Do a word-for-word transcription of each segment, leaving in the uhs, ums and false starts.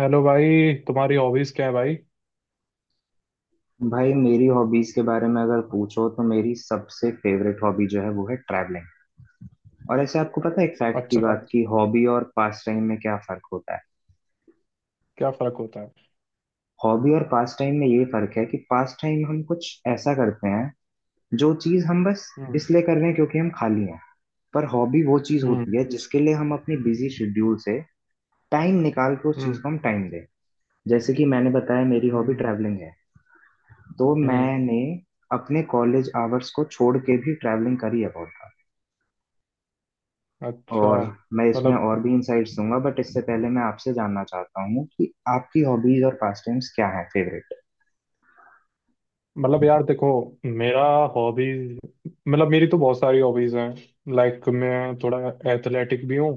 Hello भाई, तुम्हारी hobbies क्या है भाई? भाई मेरी हॉबीज के बारे में अगर पूछो तो मेरी सबसे फेवरेट हॉबी जो है वो है ट्रैवलिंग। और ऐसे आपको पता है एक फैक्ट की अच्छा। बात कि हॉबी और पास टाइम में क्या फर्क होता है। क्या फर्क होता है? हॉबी और पास टाइम में ये फर्क है कि पास टाइम हम कुछ ऐसा करते हैं, जो चीज हम बस हम्म। इसलिए कर रहे हैं क्योंकि हम खाली हैं। पर हॉबी वो चीज हम्म। होती है जिसके लिए हम अपने बिजी शेड्यूल से टाइम निकाल के उस चीज हम्म। को हम टाइम दें। जैसे कि मैंने बताया, मेरी हॉबी हम्म। ट्रैवलिंग है, तो हम्म। मैंने अपने कॉलेज आवर्स को छोड़ के भी ट्रैवलिंग करी है बहुत। अच्छा। और मैं इसमें मतलब और भी इंसाइट्स दूंगा, बट इससे पहले मैं आपसे जानना चाहता हूँ कि आपकी हॉबीज और पास टाइम्स क्या हैं फेवरेट। मतलब यार देखो, मेरा हॉबीज, मतलब मेरी तो बहुत सारी हॉबीज हैं। लाइक मैं थोड़ा एथलेटिक भी हूँ,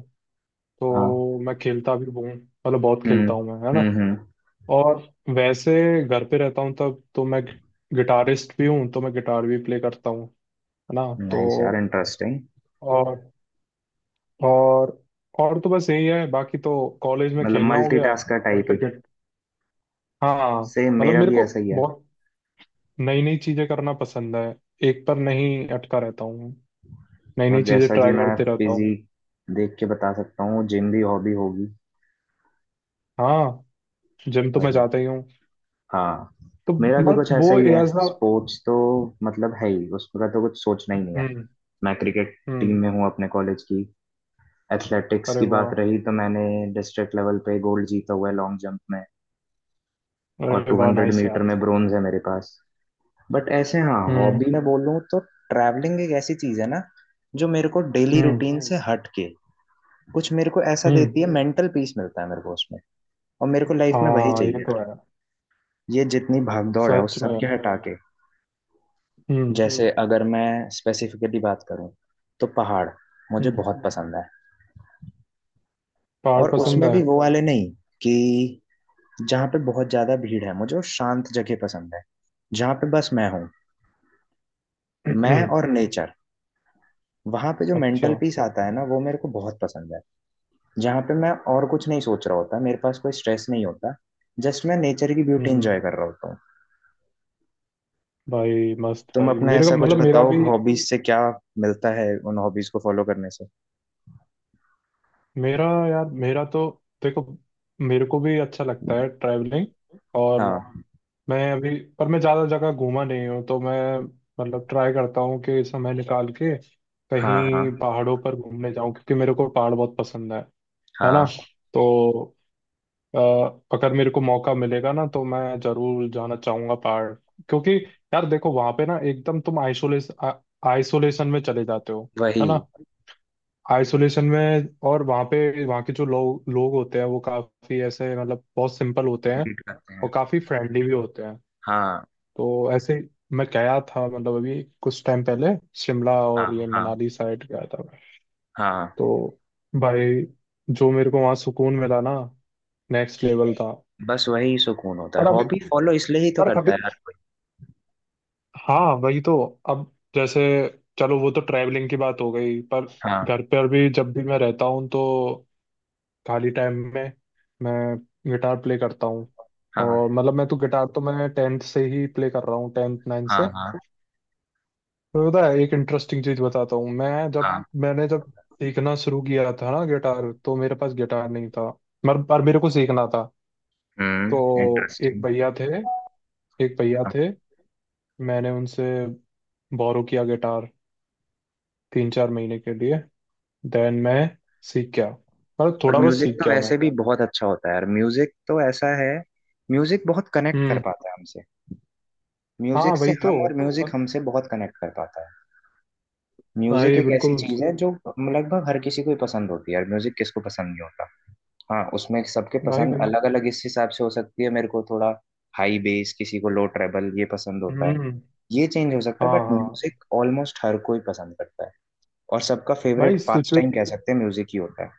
हाँ। तो मैं खेलता भी हूँ, मतलब बहुत हम्म खेलता हूँ मैं, है ना। हम्म हम्म और वैसे घर पे रहता हूँ तब तो मैं गिटारिस्ट भी हूँ, तो मैं गिटार भी प्ले करता हूँ, है ना। नाइस यार, तो इंटरेस्टिंग। और और और तो बस यही है, बाकी तो कॉलेज में मतलब खेलना हो गया, मल्टीटास्कर टाइप ही। सर्टिफिकेट। हाँ। सेम मतलब मेरा मेरे भी को ऐसा ही है। बहुत नई नई चीजें करना पसंद है, एक पर नहीं अटका रहता हूँ, नई नई और चीजें जैसा कि ट्राई मैं करते रहता हूँ। फिजी देख के बता सकता हूँ, जिम भी हॉबी होगी। हाँ, जिम तो मैं वही। जाता ही हूँ। हाँ। तो मेरा भी मतलब कुछ वो ऐसा ही है। एज ना। स्पोर्ट्स तो मतलब है ही, उसका तो कुछ सोचना ही नहीं है। हम्म। मैं क्रिकेट टीम हम्म। में हूँ अपने कॉलेज की। एथलेटिक्स अरे की वाह। बात रही, तो मैंने डिस्ट्रिक्ट लेवल पे गोल्ड जीता हुआ है लॉन्ग जंप में। और अरे वाह, टू हंड्रेड नाइस मीटर यार। में ब्रोंज है मेरे पास। बट ऐसे हाँ हम्म। हॉबी में बोलूँ तो ट्रैवलिंग एक ऐसी चीज है ना, जो मेरे को डेली हम्म। रूटीन से हम्म हट के कुछ मेरे को ऐसा हम्म। देती है। मेंटल पीस मिलता है मेरे को उसमें। और मेरे को लाइफ में वही हाँ, ये चाहिए। तो है। ये जितनी भाग दौड़ है सच उस सब में। के हटा के, हम्म। जैसे हम्म अगर मैं स्पेसिफिकली बात करूँ, तो पहाड़ मुझे हम्म। बहुत हम्म पसंद है। पहाड़ और पहाड़ पसंद उसमें है। भी बहुत वो अच्छा है वाले नहीं, कि जहाँ पे बहुत ज्यादा भीड़ है। मुझे वो शांत जगह पसंद है, जहाँ पे बस मैं हूँ, मैं और नेचर। वहां पे जो अच्छा। मेंटल पीस आता है ना, वो मेरे को बहुत पसंद है। जहाँ पे मैं और कुछ नहीं सोच रहा होता, मेरे पास कोई स्ट्रेस नहीं होता। जस्ट मैं नेचर की ब्यूटी हम्म। एंजॉय कर रहा होता हूँ। भाई मस्त तुम भाई, अपना मेरे को ऐसा कुछ मतलब मेरा बताओ, भी। हॉबीज से क्या मिलता है, उन हॉबीज को फॉलो करने से। मेरा यार, मेरा तो देखो, मेरे को भी अच्छा लगता है ट्रैवलिंग। और हाँ मैं अभी, पर मैं ज़्यादा जगह घूमा नहीं हूँ, तो मैं मतलब ट्राई करता हूँ कि समय निकाल के हाँ कहीं हाँ पहाड़ों पर घूमने जाऊँ, क्योंकि मेरे को पहाड़ बहुत पसंद है है ना। हाँ तो अ, अगर मेरे को मौका मिलेगा ना तो मैं ज़रूर जाना चाहूँगा पहाड़। क्योंकि यार देखो वहाँ पे ना एकदम तुम आइसोलेस आइसोलेशन में चले जाते हो, वही। है ना। आइसोलेशन में, और वहाँ पे, वहाँ के जो लोग लोग होते हैं वो काफी ऐसे, मतलब बहुत सिंपल होते हैं, ग्रीट करते हैं। और काफी फ्रेंडली भी होते हैं। हाँ तो ऐसे, मैं गया था, मतलब अभी कुछ टाइम पहले, शिमला हाँ और ये हाँ मनाली साइड गया था मैं। हाँ तो भाई, जो मेरे को वहाँ सुकून मिला ना, नेक्स्ट लेवल था। बस वही सुकून होता है, पर अभी हॉबी फॉलो इसलिए ही तो पर करता अभी है हर कोई। हाँ वही तो, अब जैसे चलो, वो तो ट्रैवलिंग की बात हो गई। पर हाँ घर पर भी जब भी मैं रहता हूँ तो खाली टाइम में मैं गिटार प्ले करता हूँ। और हाँ मतलब मैं तो गिटार तो मैं टेंथ से ही प्ले कर रहा हूँ, टेंथ नाइन्थ हाँ से। हाँ तो पता है, एक इंटरेस्टिंग चीज बताता हूँ। मैं जब हाँ मैंने जब सीखना शुरू किया था ना गिटार, तो मेरे पास गिटार नहीं था, मगर पर मेरे को सीखना था। तो हम्म, एक इंटरेस्टिंग। भैया थे एक भैया हाँ। थे मैंने उनसे बोरो किया गिटार तीन चार महीने के लिए। देन मैं सीख गया, मतलब और थोड़ा बहुत म्यूजिक सीख तो गया मैं। वैसे भी बहुत अच्छा होता है यार। म्यूजिक तो ऐसा है, म्यूजिक बहुत कनेक्ट कर हम्म। पाता है हमसे। हाँ म्यूजिक से वही तो। हम और म्यूजिक पर। हमसे बहुत कनेक्ट कर पाता है। म्यूजिक भाई एक ऐसी बिल्कुल। चीज है जो लगभग हर किसी को ही पसंद होती है। यार म्यूजिक किसको पसंद नहीं होता। हाँ, उसमें सबके भाई। पसंद भाई। अलग अलग इस हिसाब से हो सकती है। मेरे को थोड़ा हाई बेस, किसी को लो ट्रेबल, ये पसंद होता है। हम्म। ये चेंज हो सकता है, हाँ बट हाँ। म्यूजिक ऑलमोस्ट हर कोई पसंद करता है। और सबका भाई फेवरेट पास सिचुए टाइम कह सकते हैं म्यूजिक ही होता है।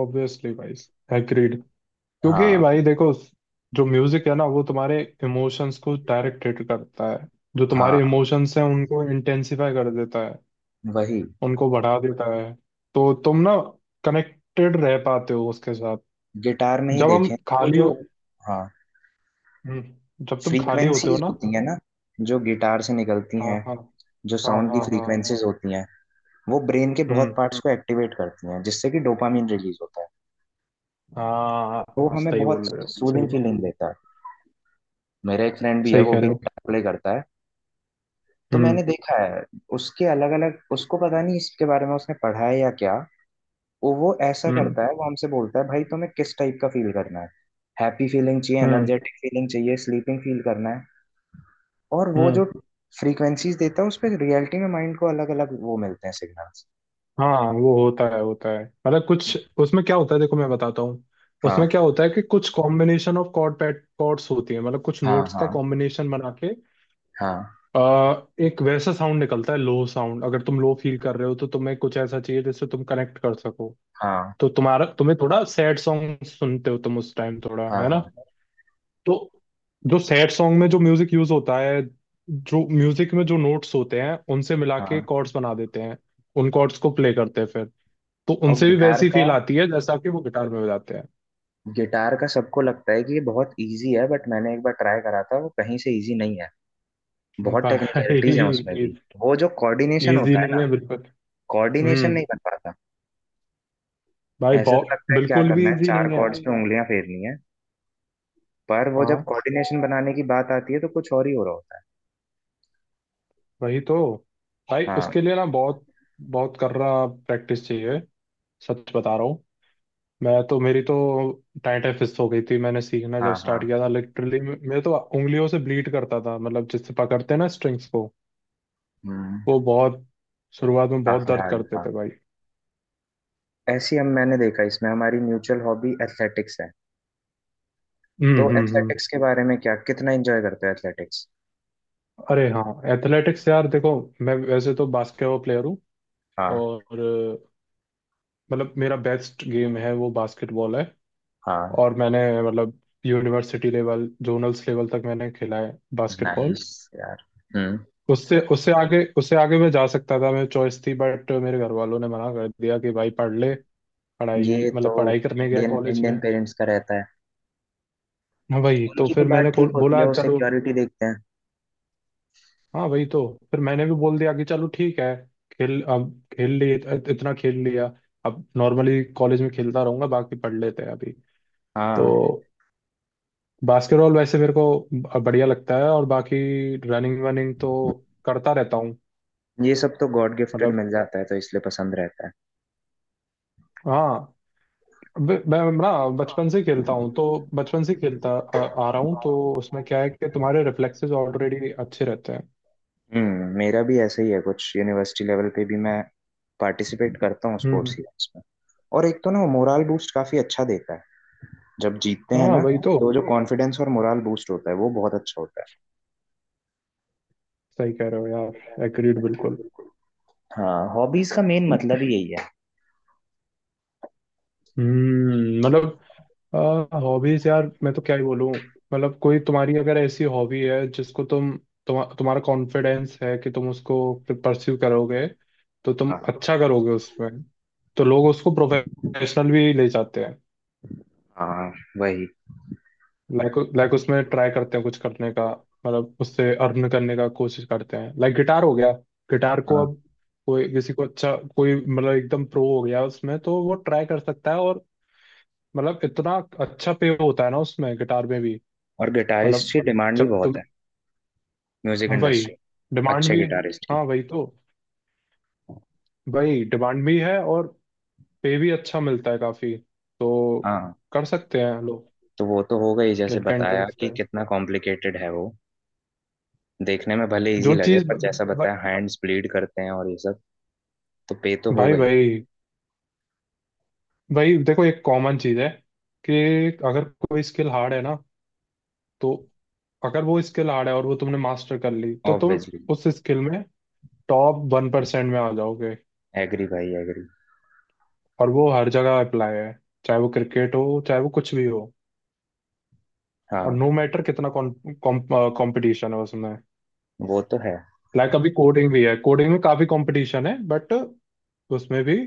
ऑब्वियसली भाई, एग्रीड। क्योंकि हाँ भाई देखो, जो म्यूजिक है ना वो तुम्हारे इमोशंस को डायरेक्ट हिट करता है, जो तुम्हारे हाँ इमोशंस हैं उनको इंटेंसिफाई कर देता है, वही। उनको बढ़ा देता है। तो तुम ना कनेक्टेड रह पाते हो उसके साथ। गिटार में ही जब हम देखें, वो खाली जो, हो- हाँ, हम्म, जब तुम खाली होते हो फ्रीक्वेंसीज ना। होती है ना, जो गिटार से निकलती हाँ हैं, हाँ जो हाँ। साउंड की हाँ हाँ। फ्रीक्वेंसीज होती हैं, वो ब्रेन के बहुत हम्म। पार्ट्स को एक्टिवेट करती हैं, जिससे कि डोपामिन रिलीज होता है। हाँ वो हाँ, हमें सही बहुत बोल रहे हो, सही सूदिंग बात। फीलिंग देता है। मेरा एक फ्रेंड भी है, सही वो कह भी रहे हो। गिटार प्ले करता है। तो मैंने हम्म। देखा है उसके अलग अलग, उसको पता नहीं इसके बारे में उसने पढ़ा है या क्या, वो वो ऐसा हम्म। करता है। वो हमसे बोलता है, भाई तुम्हें किस टाइप का फील करना है। हैप्पी फीलिंग चाहिए, हम्म। एनर्जेटिक फीलिंग चाहिए, स्लीपिंग फील करना है। और वो जो हम्म। फ्रीक्वेंसीज देता है उस पे रियलिटी में माइंड को अलग अलग वो मिलते हैं सिग्नल्स। हाँ वो होता है, होता है। मतलब कुछ, उसमें क्या होता है, देखो मैं बताता हूँ। हाँ उसमें क्या होता है कि कुछ combination of chord pad chords होती है, मतलब कुछ हाँ नोट्स का हाँ कॉम्बिनेशन बना के, हाँ आ, एक वैसा साउंड निकलता है, लो साउंड। अगर तुम लो फील कर रहे हो तो तुम्हें कुछ ऐसा चाहिए जिससे तुम कनेक्ट कर सको। हाँ तो तुम्हारा, तुम्हें थोड़ा सैड सॉन्ग सुनते हो, तुम उस टाइम थोड़ा, हाँ है ना। हाँ तो जो सैड सॉन्ग में जो म्यूजिक यूज होता है, जो म्यूजिक में जो नोट्स होते हैं उनसे मिला के हाँ कॉर्ड्स बना देते हैं, उन कॉर्ड्स को प्ले करते हैं फिर। तो और उनसे भी गिटार वैसी का, फील आती है जैसा कि वो गिटार में बजाते हैं। गिटार का सबको लगता है कि ये बहुत इजी है, बट मैंने एक बार ट्राई करा था, वो कहीं से इजी नहीं है। बहुत भाई, टेक्निकलिटीज हैं उसमें भी। वो जो कोऑर्डिनेशन इजी होता है नहीं ना, है बिल्कुल। कोऑर्डिनेशन हम्म। नहीं बन पाता। भाई ऐसे तो बहुत, लगता है क्या बिल्कुल भी करना है, इजी चार नहीं है। कॉर्ड्स पे उंगलियां फेरनी है। पर वो जब हाँ कोऑर्डिनेशन बनाने की बात आती है, तो कुछ और ही हो रहा होता है। वही तो, भाई हाँ उसके लिए ना बहुत बहुत कर रहा प्रैक्टिस चाहिए, सच बता रहा हूँ। मैं तो मेरी तो टाइट फिस्ट हो गई थी मैंने सीखना जब हाँ स्टार्ट हाँ किया था, लिटरली मैं तो उंगलियों से ब्लीड करता था, मतलब जिससे पकड़ते हैं ना स्ट्रिंग्स को, हम्म, वो बहुत, शुरुआत में बहुत काफी दर्द हार्ड करते था। थे भाई। ऐसी हम मैंने देखा इसमें हमारी म्यूचुअल हॉबी एथलेटिक्स है। तो हम्म। हम्म। हम्म। एथलेटिक्स के बारे में क्या, कितना एंजॉय करते हो एथलेटिक्स। अरे हाँ, एथलेटिक्स यार देखो, मैं वैसे तो बास्केटबॉल प्लेयर हूँ। हाँ और अ, मतलब मेरा बेस्ट गेम है, वो बास्केटबॉल है। हाँ और मैंने मतलब यूनिवर्सिटी लेवल, जोनल्स लेवल तक मैंने खेला है बास्केटबॉल। नाइस यार। हम्म। उससे उससे आगे उससे आगे मैं जा सकता था, मेरी चॉइस थी, बट मेरे घर वालों ने मना कर दिया कि भाई पढ़ ले। पढ़ाई, ये तो मतलब पढ़ाई करने गया इंडियन कॉलेज इंडियन में। पेरेंट्स का रहता है। हाँ, वही तो। उनकी भी फिर मैंने बात को- ठीक होती है, बोला वो चलो। सिक्योरिटी देखते हैं। हाँ वही तो, फिर मैंने भी बोल दिया कि चलो ठीक है, खेल अब खेल लिए, इत- इतना खेल लिया। अब नॉर्मली कॉलेज में खेलता रहूंगा, बाकी पढ़ लेते हैं अभी। तो हाँ, बास्केटबॉल वैसे मेरे को ब- बढ़िया लगता है, और बाकी रनिंग वनिंग तो करता रहता हूँ। ये सब तो गॉड गिफ्टेड मतलब, मिल जाता है, तो इसलिए पसंद रहता हाँ। ब- मैं ना बचपन से खेलता हूँ, तो बचपन से खेलता आ, आ रहा हूँ, तो है। उसमें क्या है कि तुम्हारे रिफ्लेक्सेस ऑलरेडी अच्छे रहते हैं। हम्म, मेरा भी ऐसा ही है कुछ। यूनिवर्सिटी लेवल पे भी मैं पार्टिसिपेट करता हूँ स्पोर्ट्स हम्म। इवेंट्स में। और एक तो ना मोराल बूस्ट काफी अच्छा देता है, जब जीतते हैं हाँ ना, वही तो। तो जो कॉन्फिडेंस और मोराल बूस्ट होता है वो बहुत अच्छा होता है। सही कह रहे हो यार, एग्रीड बिल्कुल। हाँ, हॉबीज का मेन मतलब ही यही है। हम्म, मतलब, हॉबीज यार मैं तो क्या ही बोलूं। मतलब कोई तुम्हारी अगर ऐसी हॉबी है जिसको तुम, तुम तुम्हारा कॉन्फिडेंस है कि तुम उसको परस्यू करोगे, तो तुम हाँ अच्छा करोगे उसमें। तो लोग उसको प्रोफेशनल भी ले जाते हैं। हाँ वही। लाइक लाइक उसमें ट्राई करते हैं कुछ करने का, मतलब उससे अर्न करने का कोशिश करते हैं। लाइक गिटार हो गया, गिटार को हाँ। अब कोई, किसी को अच्छा, कोई मतलब एकदम प्रो हो गया उसमें, तो वो ट्राई कर सकता है, और मतलब इतना अच्छा पे होता है ना उसमें, गिटार में भी। और गिटारिस्ट मतलब की डिमांड भी जब बहुत तुम, है, म्यूजिक हाँ वही, इंडस्ट्री, डिमांड अच्छे भी, गिटारिस्ट की। हाँ वही तो, वही डिमांड भी है, और पे भी अच्छा मिलता है काफी, तो हाँ, कर सकते हैं लोग तो वो तो होगा ही, जैसे जिनका बताया इंटरेस्ट कि है। कितना कॉम्प्लिकेटेड है वो। देखने में भले इजी जो लगे, चीज, पर जैसा बताया हैंड्स ब्लीड करते हैं और ये सब। तो पे तो भाई होगा ही। भाई, भाई देखो, एक कॉमन चीज है कि अगर कोई स्किल हार्ड है ना, तो अगर वो स्किल हार्ड है और वो तुमने मास्टर कर ली तो तुम ऑब्वियसली, उस स्किल में टॉप वन परसेंट में आ जाओगे, एग्री भाई, एग्री। और वो हर जगह अप्लाई है। चाहे वो क्रिकेट हो, चाहे वो कुछ भी हो। और हाँ, नो मैटर कितना कंपटीशन है उसमें। वो तो है। लाइक अभी कोडिंग भी है, कोडिंग में काफी कंपटीशन है, बट उसमें भी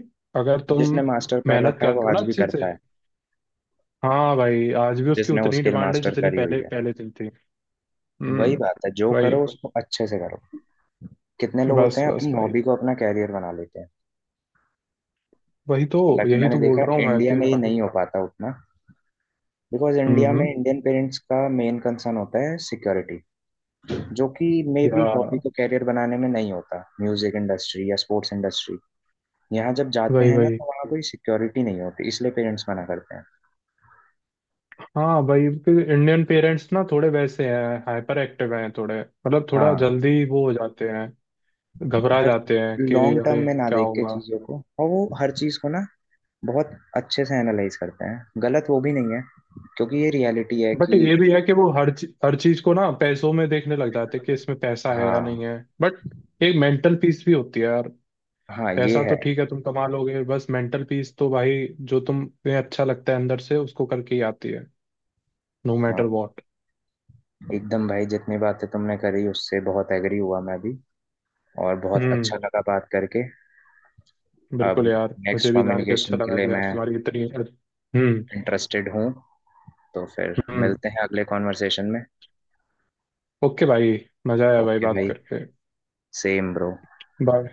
अगर तुम जिसने मास्टर कर मेहनत रखा है करते वो हो ना आज भी अच्छे से, करता है। हाँ भाई आज भी उसकी जिसने वो उतनी स्किल डिमांड है मास्टर जितनी करी हुई पहले है, पहले थी थी। हम्म। वही बात है, जो भाई, करो उसको अच्छे से करो। कितने लोग होते बस हैं बस अपनी भाई, हॉबी को अपना कैरियर बना लेते हैं। वही तो, हालांकि यही मैंने तो देखा बोल रहा है हूँ मैं इंडिया कि में ये भाई। नहीं हो पाता उतना, बिकॉज हम्म। इंडिया में हम्म, इंडियन पेरेंट्स का मेन कंसर्न होता है सिक्योरिटी, जो कि मे या बी हॉबी को कैरियर बनाने में नहीं होता। म्यूजिक इंडस्ट्री या स्पोर्ट्स इंडस्ट्री, यहाँ जब जाते वही हैं ना, वही। तो वहाँ कोई सिक्योरिटी नहीं होती, इसलिए पेरेंट्स मना करते हैं। हाँ भाई इंडियन पेरेंट्स ना थोड़े वैसे हैं, हाइपर एक्टिव हैं थोड़े, मतलब थोड़ा हाँ, जल्दी वो हो जाते हैं, घबरा हर जाते हैं कि लॉन्ग टर्म अरे में ना क्या देख के होगा। चीजों को, और वो हर चीज को ना बहुत अच्छे से एनालाइज करते हैं। गलत वो भी नहीं है, क्योंकि ये रियलिटी है बट कि ये भी है कि वो हर चीज हर चीज को ना पैसों में देखने लग जाते हैं कि इसमें पैसा है या हाँ, नहीं है, बट एक मेंटल पीस भी होती है यार। हाँ, ये पैसा है। तो ठीक है तुम कमा लोगे, बस मेंटल पीस तो भाई, जो तुम्हें अच्छा लगता है अंदर से उसको करके ही आती है। नो हाँ, मैटर वॉट। एकदम भाई, जितनी बातें तुमने करी उससे बहुत एग्री हुआ मैं भी। और बहुत हम्म। अच्छा लगा बात करके। अब बिल्कुल यार, मुझे नेक्स्ट भी जान के अच्छा कम्युनिकेशन के लगा लिए कि यार मैं तुम्हारी इतनी। हम्म। इंटरेस्टेड हूँ, तो फिर हम्म। मिलते हैं अगले कॉन्वर्सेशन में। ओके भाई, मजा आया भाई ओके बात भाई, करके। Same bro. बाय।